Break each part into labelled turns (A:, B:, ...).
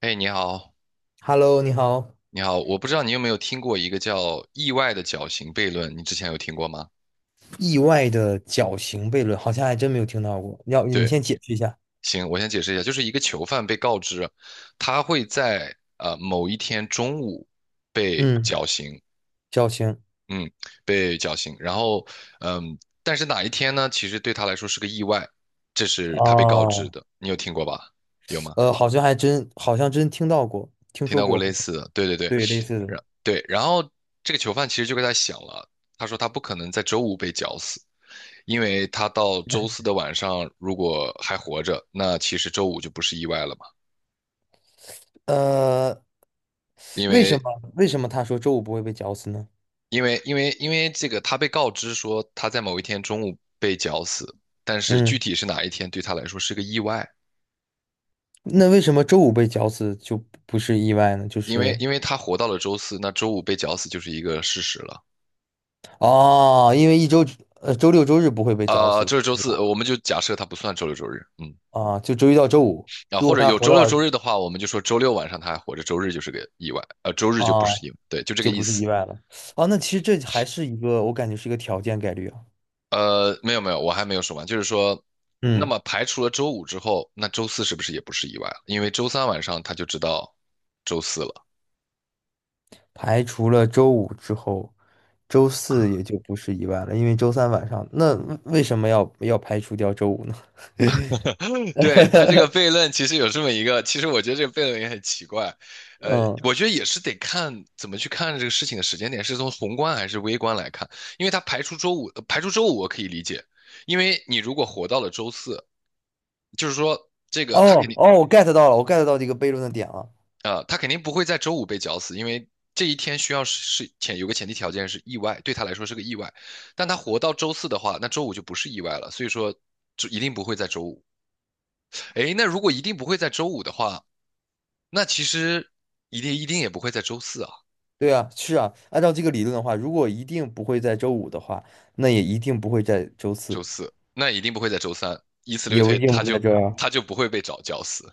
A: 哎，你好，
B: Hello，你好。
A: 你好，我不知道你有没有听过一个叫意外的绞刑悖论，你之前有听过吗？
B: 意外的绞刑悖论，好像还真没有听到过。要你
A: 对，
B: 先解释一下。
A: 行，我先解释一下，就是一个囚犯被告知，他会在某一天中午被
B: 嗯，
A: 绞刑，
B: 绞刑。
A: 嗯，被绞刑，然后嗯，但是哪一天呢？其实对他来说是个意外，这是他被告知
B: 哦，
A: 的，你有听过吧？有吗？
B: 好像还真，好像真听到过，听
A: 听
B: 说
A: 到过类
B: 过。
A: 似的？对对对，
B: 对，类似的。
A: 对，然后这个囚犯其实就跟他想了，他说他不可能在周五被绞死。因为他到周四的晚上如果还活着，那其实周五就不是意外了嘛。
B: 呃，
A: 因
B: 为什
A: 为
B: 么为什么他说周五不会被绞死呢？
A: 因为这个，他被告知说他在某一天中午被绞死，但是具
B: 嗯，
A: 体是哪一天对他来说是个意外，
B: 那为什么周五被绞死就不是意外呢？就
A: 因为
B: 是
A: 因为他活到了周四，那周五被绞死就是一个事实了。
B: 哦，因为一周周六周日不会被绞
A: 啊，
B: 死，
A: 这是周
B: 对吧？
A: 四，我们就假设他不算周六周日，
B: 啊，就周一到周五，
A: 啊，
B: 如
A: 或
B: 果
A: 者
B: 他
A: 有
B: 活
A: 周六
B: 到
A: 周
B: 了
A: 日的话，我们就说周六晚上他还活着，周日就是个意外，周日就不
B: 啊。
A: 是意外，对，就这个
B: 就
A: 意
B: 不是
A: 思。
B: 意外了。哦，那其实这还是一个，我感觉是一个条件概率啊。
A: 没有没有，我还没有说完，就是说，那
B: 嗯，
A: 么排除了周五之后，那周四是不是也不是意外了？因为周三晚上他就知道周四了。
B: 排除了周五之后，周四也就不是意外了，因为周三晚上，那为什么要排除掉周五呢？
A: 对，他这个 悖论其实有这么一个，其实我觉得这个悖论也很奇怪，
B: 嗯，
A: 我觉得也是得看怎么去看这个事情的时间点，是从宏观还是微观来看，因为他排除周五，排除周五我可以理解，因为你如果活到了周四，就是说这个他
B: 哦
A: 肯定。
B: 哦，我 get 到了，我 get 到这个悖论的点了。
A: 他肯定不会在周五被绞死，因为这一天需要是前有个前提条件是意外，对他来说是个意外。但他活到周四的话，那周五就不是意外了，所以说就一定不会在周五。诶，那如果一定不会在周五的话，那其实一定也不会在周四啊，
B: 对啊，是啊，按照这个理论的话，如果一定不会在周五的话，那也一定不会在周四，
A: 周四那一定不会在周三，以此类
B: 也不
A: 推，
B: 一定不
A: 他
B: 会在
A: 就
B: 周
A: 他
B: 二。
A: 就不会被找绞死，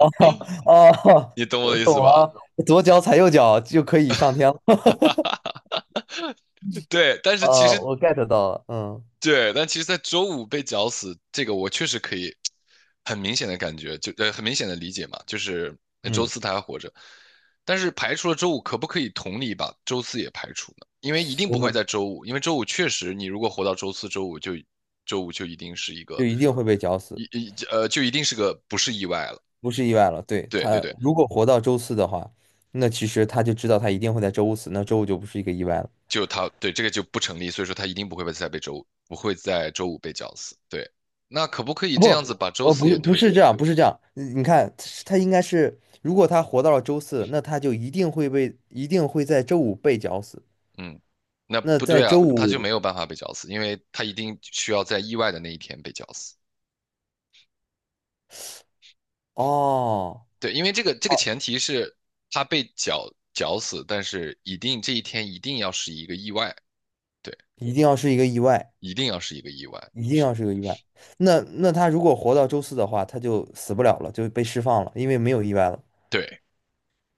B: 哦，
A: 你懂我的意
B: 懂
A: 思吧？
B: 了，左脚踩右脚就可以上天了。
A: 对，但是其实
B: 我 get 到了，嗯
A: 对，但其实，在周五被绞死，这个我确实可以很明显的感觉，就很明显的理解嘛，就是周
B: 嗯，
A: 四他还活着，但是排除了周五，可不可以同理把周四也排除呢？因为一定
B: 我
A: 不会
B: 们
A: 在周五，因为周五确实，你如果活到周四、周五就一定是一个
B: 就一定会被绞
A: 一
B: 死，
A: 一呃就一定是个不是意外了。
B: 不是意外了。对，
A: 对对
B: 他
A: 对，
B: 如果活到周四的话，那其实他就知道他一定会在周五死，那周五就不是一个意外了。
A: 就他对这个就不成立，所以说他一定不会再被周五不会在周五被绞死。对，那可不可以
B: 不，
A: 这样子把周四
B: 不是，
A: 也
B: 不
A: 推？
B: 是这样，不是这样。你看，他应该是，如果他活到了周四，那他就一定会被，一定会在周五被绞死。
A: 嗯，那
B: 那
A: 不
B: 在
A: 对啊，
B: 周
A: 他就没
B: 五，
A: 有办法被绞死，因为他一定需要在意外的那一天被绞死。
B: 哦，
A: 对，因为这个前提是他被绞死，但是一定这一天一定要是一个意外，对，
B: 一定要是一个意外，
A: 一定要是一个意外，
B: 一定要
A: 是，
B: 是个意外。那那他如果活到周四的话，他就死不了了，就被释放了，因为没有意外了。
A: 对，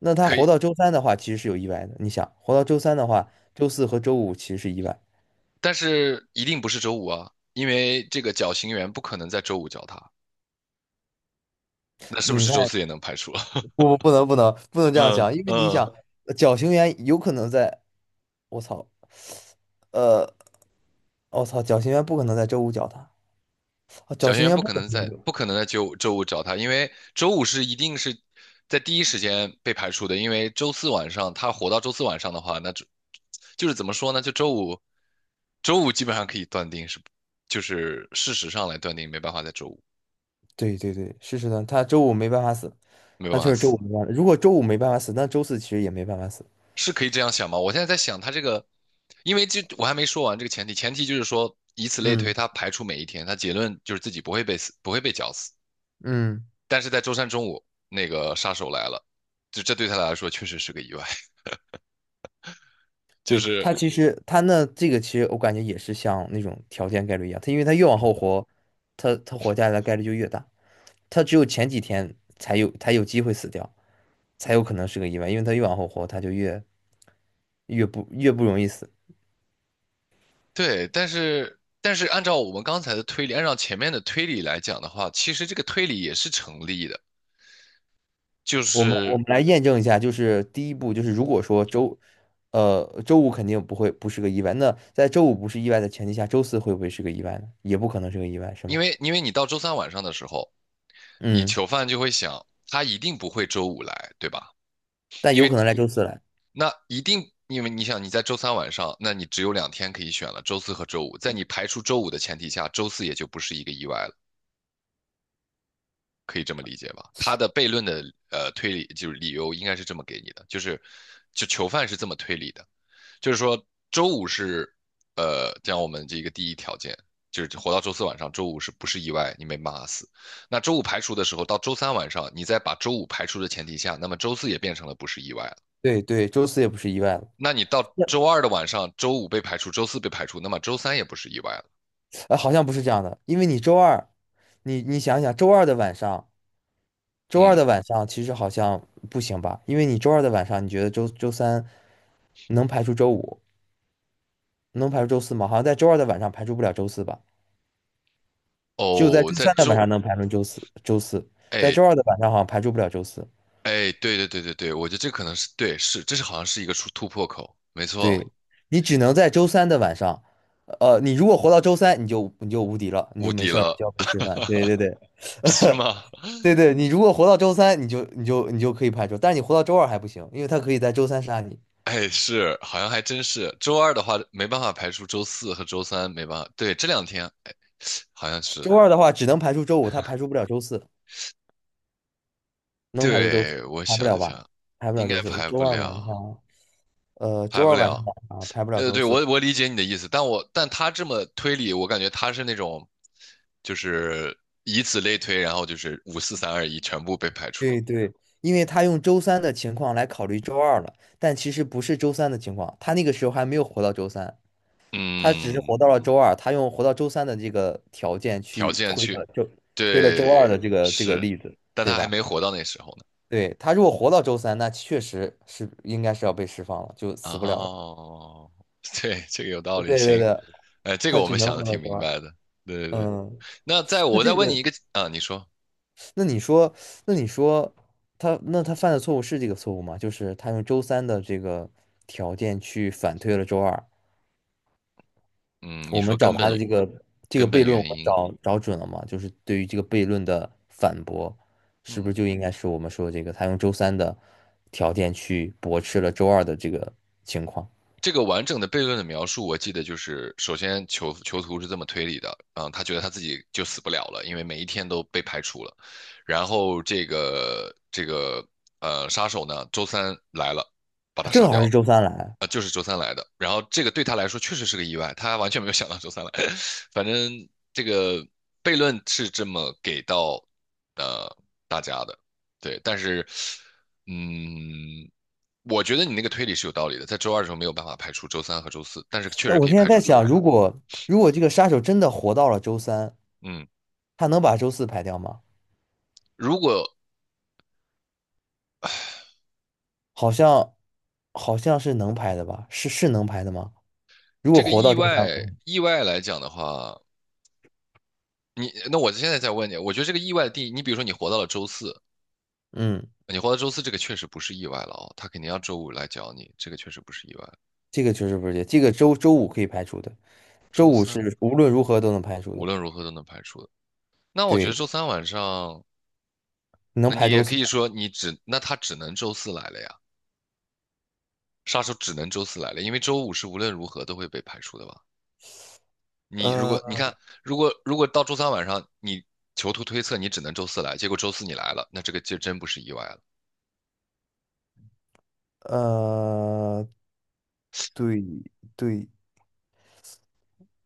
B: 那他
A: 可
B: 活
A: 以，
B: 到周三的话，其实是有意外的。你想，活到周三的话，周四和周五其实是意外。
A: 但是一定不是周五啊，因为这个绞刑员不可能在周五绞他，那是不
B: 你
A: 是周
B: 看，
A: 四也能排除？
B: 不不 能这样
A: 嗯
B: 想，因为你想，
A: 嗯，
B: 绞刑员有可能在，我操，呃，我操，绞刑员不可能在周五绞他，啊绞
A: 小学
B: 刑
A: 员
B: 员
A: 不
B: 不
A: 可
B: 可
A: 能
B: 能
A: 在
B: 在周五，
A: 不可能在周五找他，因为周五是一定是在第一时间被排除的，因为周四晚上他活到周四晚上的话，那就是怎么说呢？就周五，周五基本上可以断定是，就是事实上来断定没办法在周五
B: 对对对，是是的，他周五没办法死，
A: 没有
B: 他
A: 办
B: 就
A: 法
B: 是周
A: 死，
B: 五没办法。如果周五没办法死，那周四其实也没办法死。
A: 是可以这样想吗？我现在在想他这个，因为这我还没说完这个前提，前提就是说以此类推，
B: 嗯
A: 他排除每一天，他结论就是自己不会被死，不会被绞死。
B: 嗯。
A: 但是在周三中午，那个杀手来了，就这对他来说确实是个意外。就
B: 对，他
A: 是
B: 其实他那这个其实我感觉也是像那种条件概率一样，他因为他越往后活，他活下来的概率就越大，他只有前几天才有机会死掉，才有可能是个意外，因为他越往后活，他就越越不越不容易死。
A: 对，但是按照我们刚才的推理，按照前面的推理来讲的话，其实这个推理也是成立的，就
B: 我们我
A: 是
B: 们来验证一下，就是第一步就是如果说周周五肯定不是个意外，那在周五不是意外的前提下，周四会不会是个意外呢？也不可能是个意外，是
A: 因
B: 吗？
A: 为因为你到周三晚上的时候，你
B: 嗯，
A: 囚犯就会想，他一定不会周五来，对吧？
B: 但
A: 因
B: 有
A: 为
B: 可能来周四来。
A: 那一定，因为你想你在周三晚上，那你只有两天可以选了，周四和周五。在你排除周五的前提下，周四也就不是一个意外了。可以这么理解吧？他的悖论的推理就是理由应该是这么给你的，就囚犯是这么推理的，就是说周五是讲我们这个第一条件，就是活到周四晚上，周五是不是意外你没骂死？那周五排除的时候，到周三晚上，你再把周五排除的前提下，那么周四也变成了不是意外了。
B: 对对，周四也不是意外了。
A: 那你到周二的晚上，周五被排除，周四被排除，那么周三也不是意外了。
B: 呃，好像不是这样的，因为你周二，你你想想，周二的晚上，周二
A: 嗯，
B: 的晚上其实好像不行吧？因为你周二的晚上，你觉得周三能排除周五，能排除周四吗？好像在周二的晚上排除不了周四吧？只有在
A: 哦，
B: 周三的晚上能排除周四，周四，在
A: 哎，
B: 周二的晚上好像排除不了周四。
A: 哎，对对对对对，我觉得这可能是对，这是好像是一个突破口，没错，
B: 对，你只能在周三的晚上，你如果活到周三，你就无敌了，你
A: 无
B: 就没
A: 敌
B: 事儿了，就
A: 了，
B: 要被吃饭。对对对，
A: 是吗？
B: 对对，你如果活到周三，你就可以排除，但是你活到周二还不行，因为他可以在周三杀你。
A: 哎，是，好像还真是。周二的话没办法排除周四和周三，没办法。对，这两天，哎，好像是。
B: 周二的话只能排除周五，他排除不了周四，能排除周四，
A: 对，我
B: 排不
A: 想
B: 了
A: 一
B: 吧？
A: 下，
B: 排不了
A: 应该
B: 周四，
A: 排
B: 周
A: 不
B: 二晚
A: 了，
B: 上，周
A: 排不
B: 二晚上
A: 了。
B: 啊，排不了周
A: 对，我
B: 四。
A: 我理解你的意思，但他这么推理，我感觉他是那种，就是以此类推，然后就是五四三二一全部被排除了。
B: 对对，因为他用周三的情况来考虑周二了，但其实不是周三的情况，他那个时候还没有活到周三，他只是
A: 嗯，
B: 活到了周二，他用活到周三的这个条件
A: 条
B: 去
A: 件
B: 推
A: 去。
B: 的就推了周二
A: 对，
B: 的这个
A: 是，
B: 例子，
A: 但
B: 对
A: 他还
B: 吧？
A: 没活到那时候呢。
B: 对，他如果活到周三，那确实是应该是要被释放了，就死不了了。
A: 哦，对，这个有道
B: 对
A: 理，
B: 对
A: 行，
B: 对
A: 哎，这个
B: 他
A: 我
B: 只
A: 们
B: 能
A: 想的
B: 活到
A: 挺
B: 周
A: 明
B: 二。
A: 白的。对对对，
B: 嗯，
A: 那再
B: 那
A: 我再
B: 这
A: 问你
B: 个，
A: 一个啊，你说，
B: 那你说，那你说他，那他犯的错误是这个错误吗？就是他用周三的这个条件去反推了周二。
A: 嗯，你
B: 我
A: 说
B: 们找
A: 根
B: 他的
A: 本
B: 这个
A: 根
B: 悖
A: 本
B: 论，我
A: 原
B: 们
A: 因，
B: 找准了吗？就是对于这个悖论的反驳，是不
A: 嗯，
B: 是就应该是我们说这个他用周三的条件去驳斥了周二的这个情况？
A: 这个完整的悖论的描述，我记得就是，首先囚徒是这么推理的，嗯，他觉得他自己就死不了了，因为每一天都被排除了。然后这个杀手呢，周三来了，把他杀
B: 正
A: 掉
B: 好是
A: 了
B: 周三来。
A: 啊，就是周三来的。然后这个对他来说确实是个意外，他完全没有想到周三来。反正这个悖论是这么给到呃大家的，对。但是，嗯，我觉得你那个推理是有道理的，在周二的时候没有办法排除周三和周四，但是确
B: 哎，
A: 实可
B: 我
A: 以
B: 现在
A: 排除
B: 在
A: 周
B: 想，
A: 五。嗯
B: 如果这个杀手真的活到了周三，
A: 嗯，
B: 他能把周四排掉吗？
A: 如果
B: 好像好像是能排的吧？是是能排的吗？如果
A: 这个
B: 活
A: 意
B: 到周三晚
A: 外
B: 上
A: 意外来讲的话，那我现在再问你，我觉得这个意外的定义，你比如说
B: 嗯，
A: 你活到周四，这个确实不是意外了哦，他肯定要周五来找你，这个确实不是意外。
B: 这个确实不是，这个周五可以排除的，周
A: 周
B: 五
A: 三
B: 是无论如何都能排除
A: 无
B: 的。
A: 论如何都能排除的。那我觉得
B: 对，
A: 周三晚上，
B: 能
A: 那你
B: 排
A: 也
B: 周
A: 可
B: 四
A: 以说那他只能周四来了呀，杀手只能周四来了，因为周五是无论如何都会被排除的吧？你如果你
B: 呃
A: 看，如果到周三晚上你囚徒推测你只能周四来，结果周四你来了，那这个就真不是意外了。
B: 呃，对对，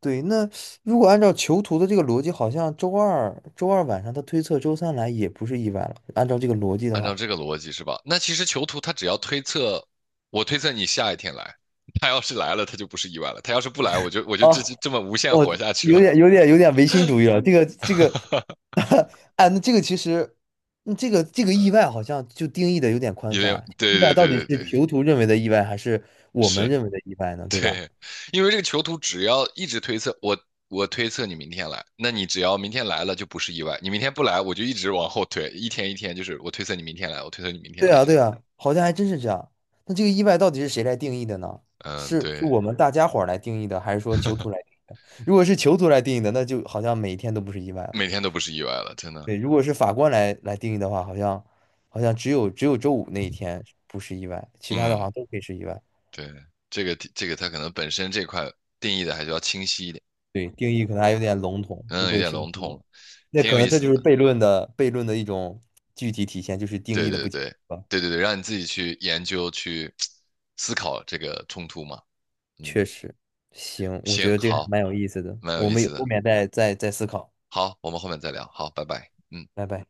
B: 对，那如果按照囚徒的这个逻辑，好像周二晚上他推测周三来也不是意外了。按照这个逻辑的
A: 按照
B: 话，
A: 这个逻辑是吧？那其实囚徒他只要推测，我推测你下一天来，他要是来了，他就不是意外了；他要是不来，我就这
B: 啊，
A: 这么无限
B: 我
A: 活下去
B: 有点
A: 了。
B: 有点有点唯心主义了。这个这个，哎，那这个其实，嗯这个这个意外好像就定义的有点宽
A: 因为
B: 泛。意
A: 对
B: 外
A: 对
B: 到
A: 对
B: 底
A: 对
B: 是
A: 对，
B: 囚徒认为的意外，还是我们
A: 是，
B: 认为的意外呢？对吧？
A: 对，因为这个囚徒只要一直推测，我推测你明天来，那你只要明天来了就不是意外，你明天不来，我就一直往后推，一天一天就是我推测你明天来，我推测你明天
B: 对
A: 来
B: 啊，
A: 这
B: 对
A: 样。
B: 啊，好像还真是这样。那这个意外到底是谁来定义的呢？
A: 嗯，
B: 是
A: 对，
B: 我们大家伙儿来定义的，还是说囚徒来？如果是囚徒来定义的，那就好像每一天都不是意外了。
A: 每天都不是意外了，真的。
B: 对，如果是法官来定义的话，好像只有周五那一天不是意外，其他的好
A: 嗯。
B: 像都可以是意外。
A: 对，这个它可能本身这块定义的还是要清晰一点，
B: 对，定义可能还有点笼统，不
A: 嗯，有
B: 够
A: 点
B: 清
A: 笼统
B: 晰。
A: 了，
B: 那
A: 挺
B: 可
A: 有
B: 能
A: 意
B: 这
A: 思
B: 就是
A: 的。
B: 悖论的一种具体体现，就是定
A: 对
B: 义的不
A: 对
B: 清晰
A: 对
B: 吧。
A: 对对对，让你自己去研究去思考这个冲突嘛。嗯，
B: 确实，行，我觉
A: 行，
B: 得这个还
A: 好，
B: 蛮有意思的，
A: 蛮有
B: 我
A: 意
B: 们有
A: 思
B: 后
A: 的。
B: 面再再思考。
A: 好，我们后面再聊。好，拜拜。嗯。
B: 拜拜。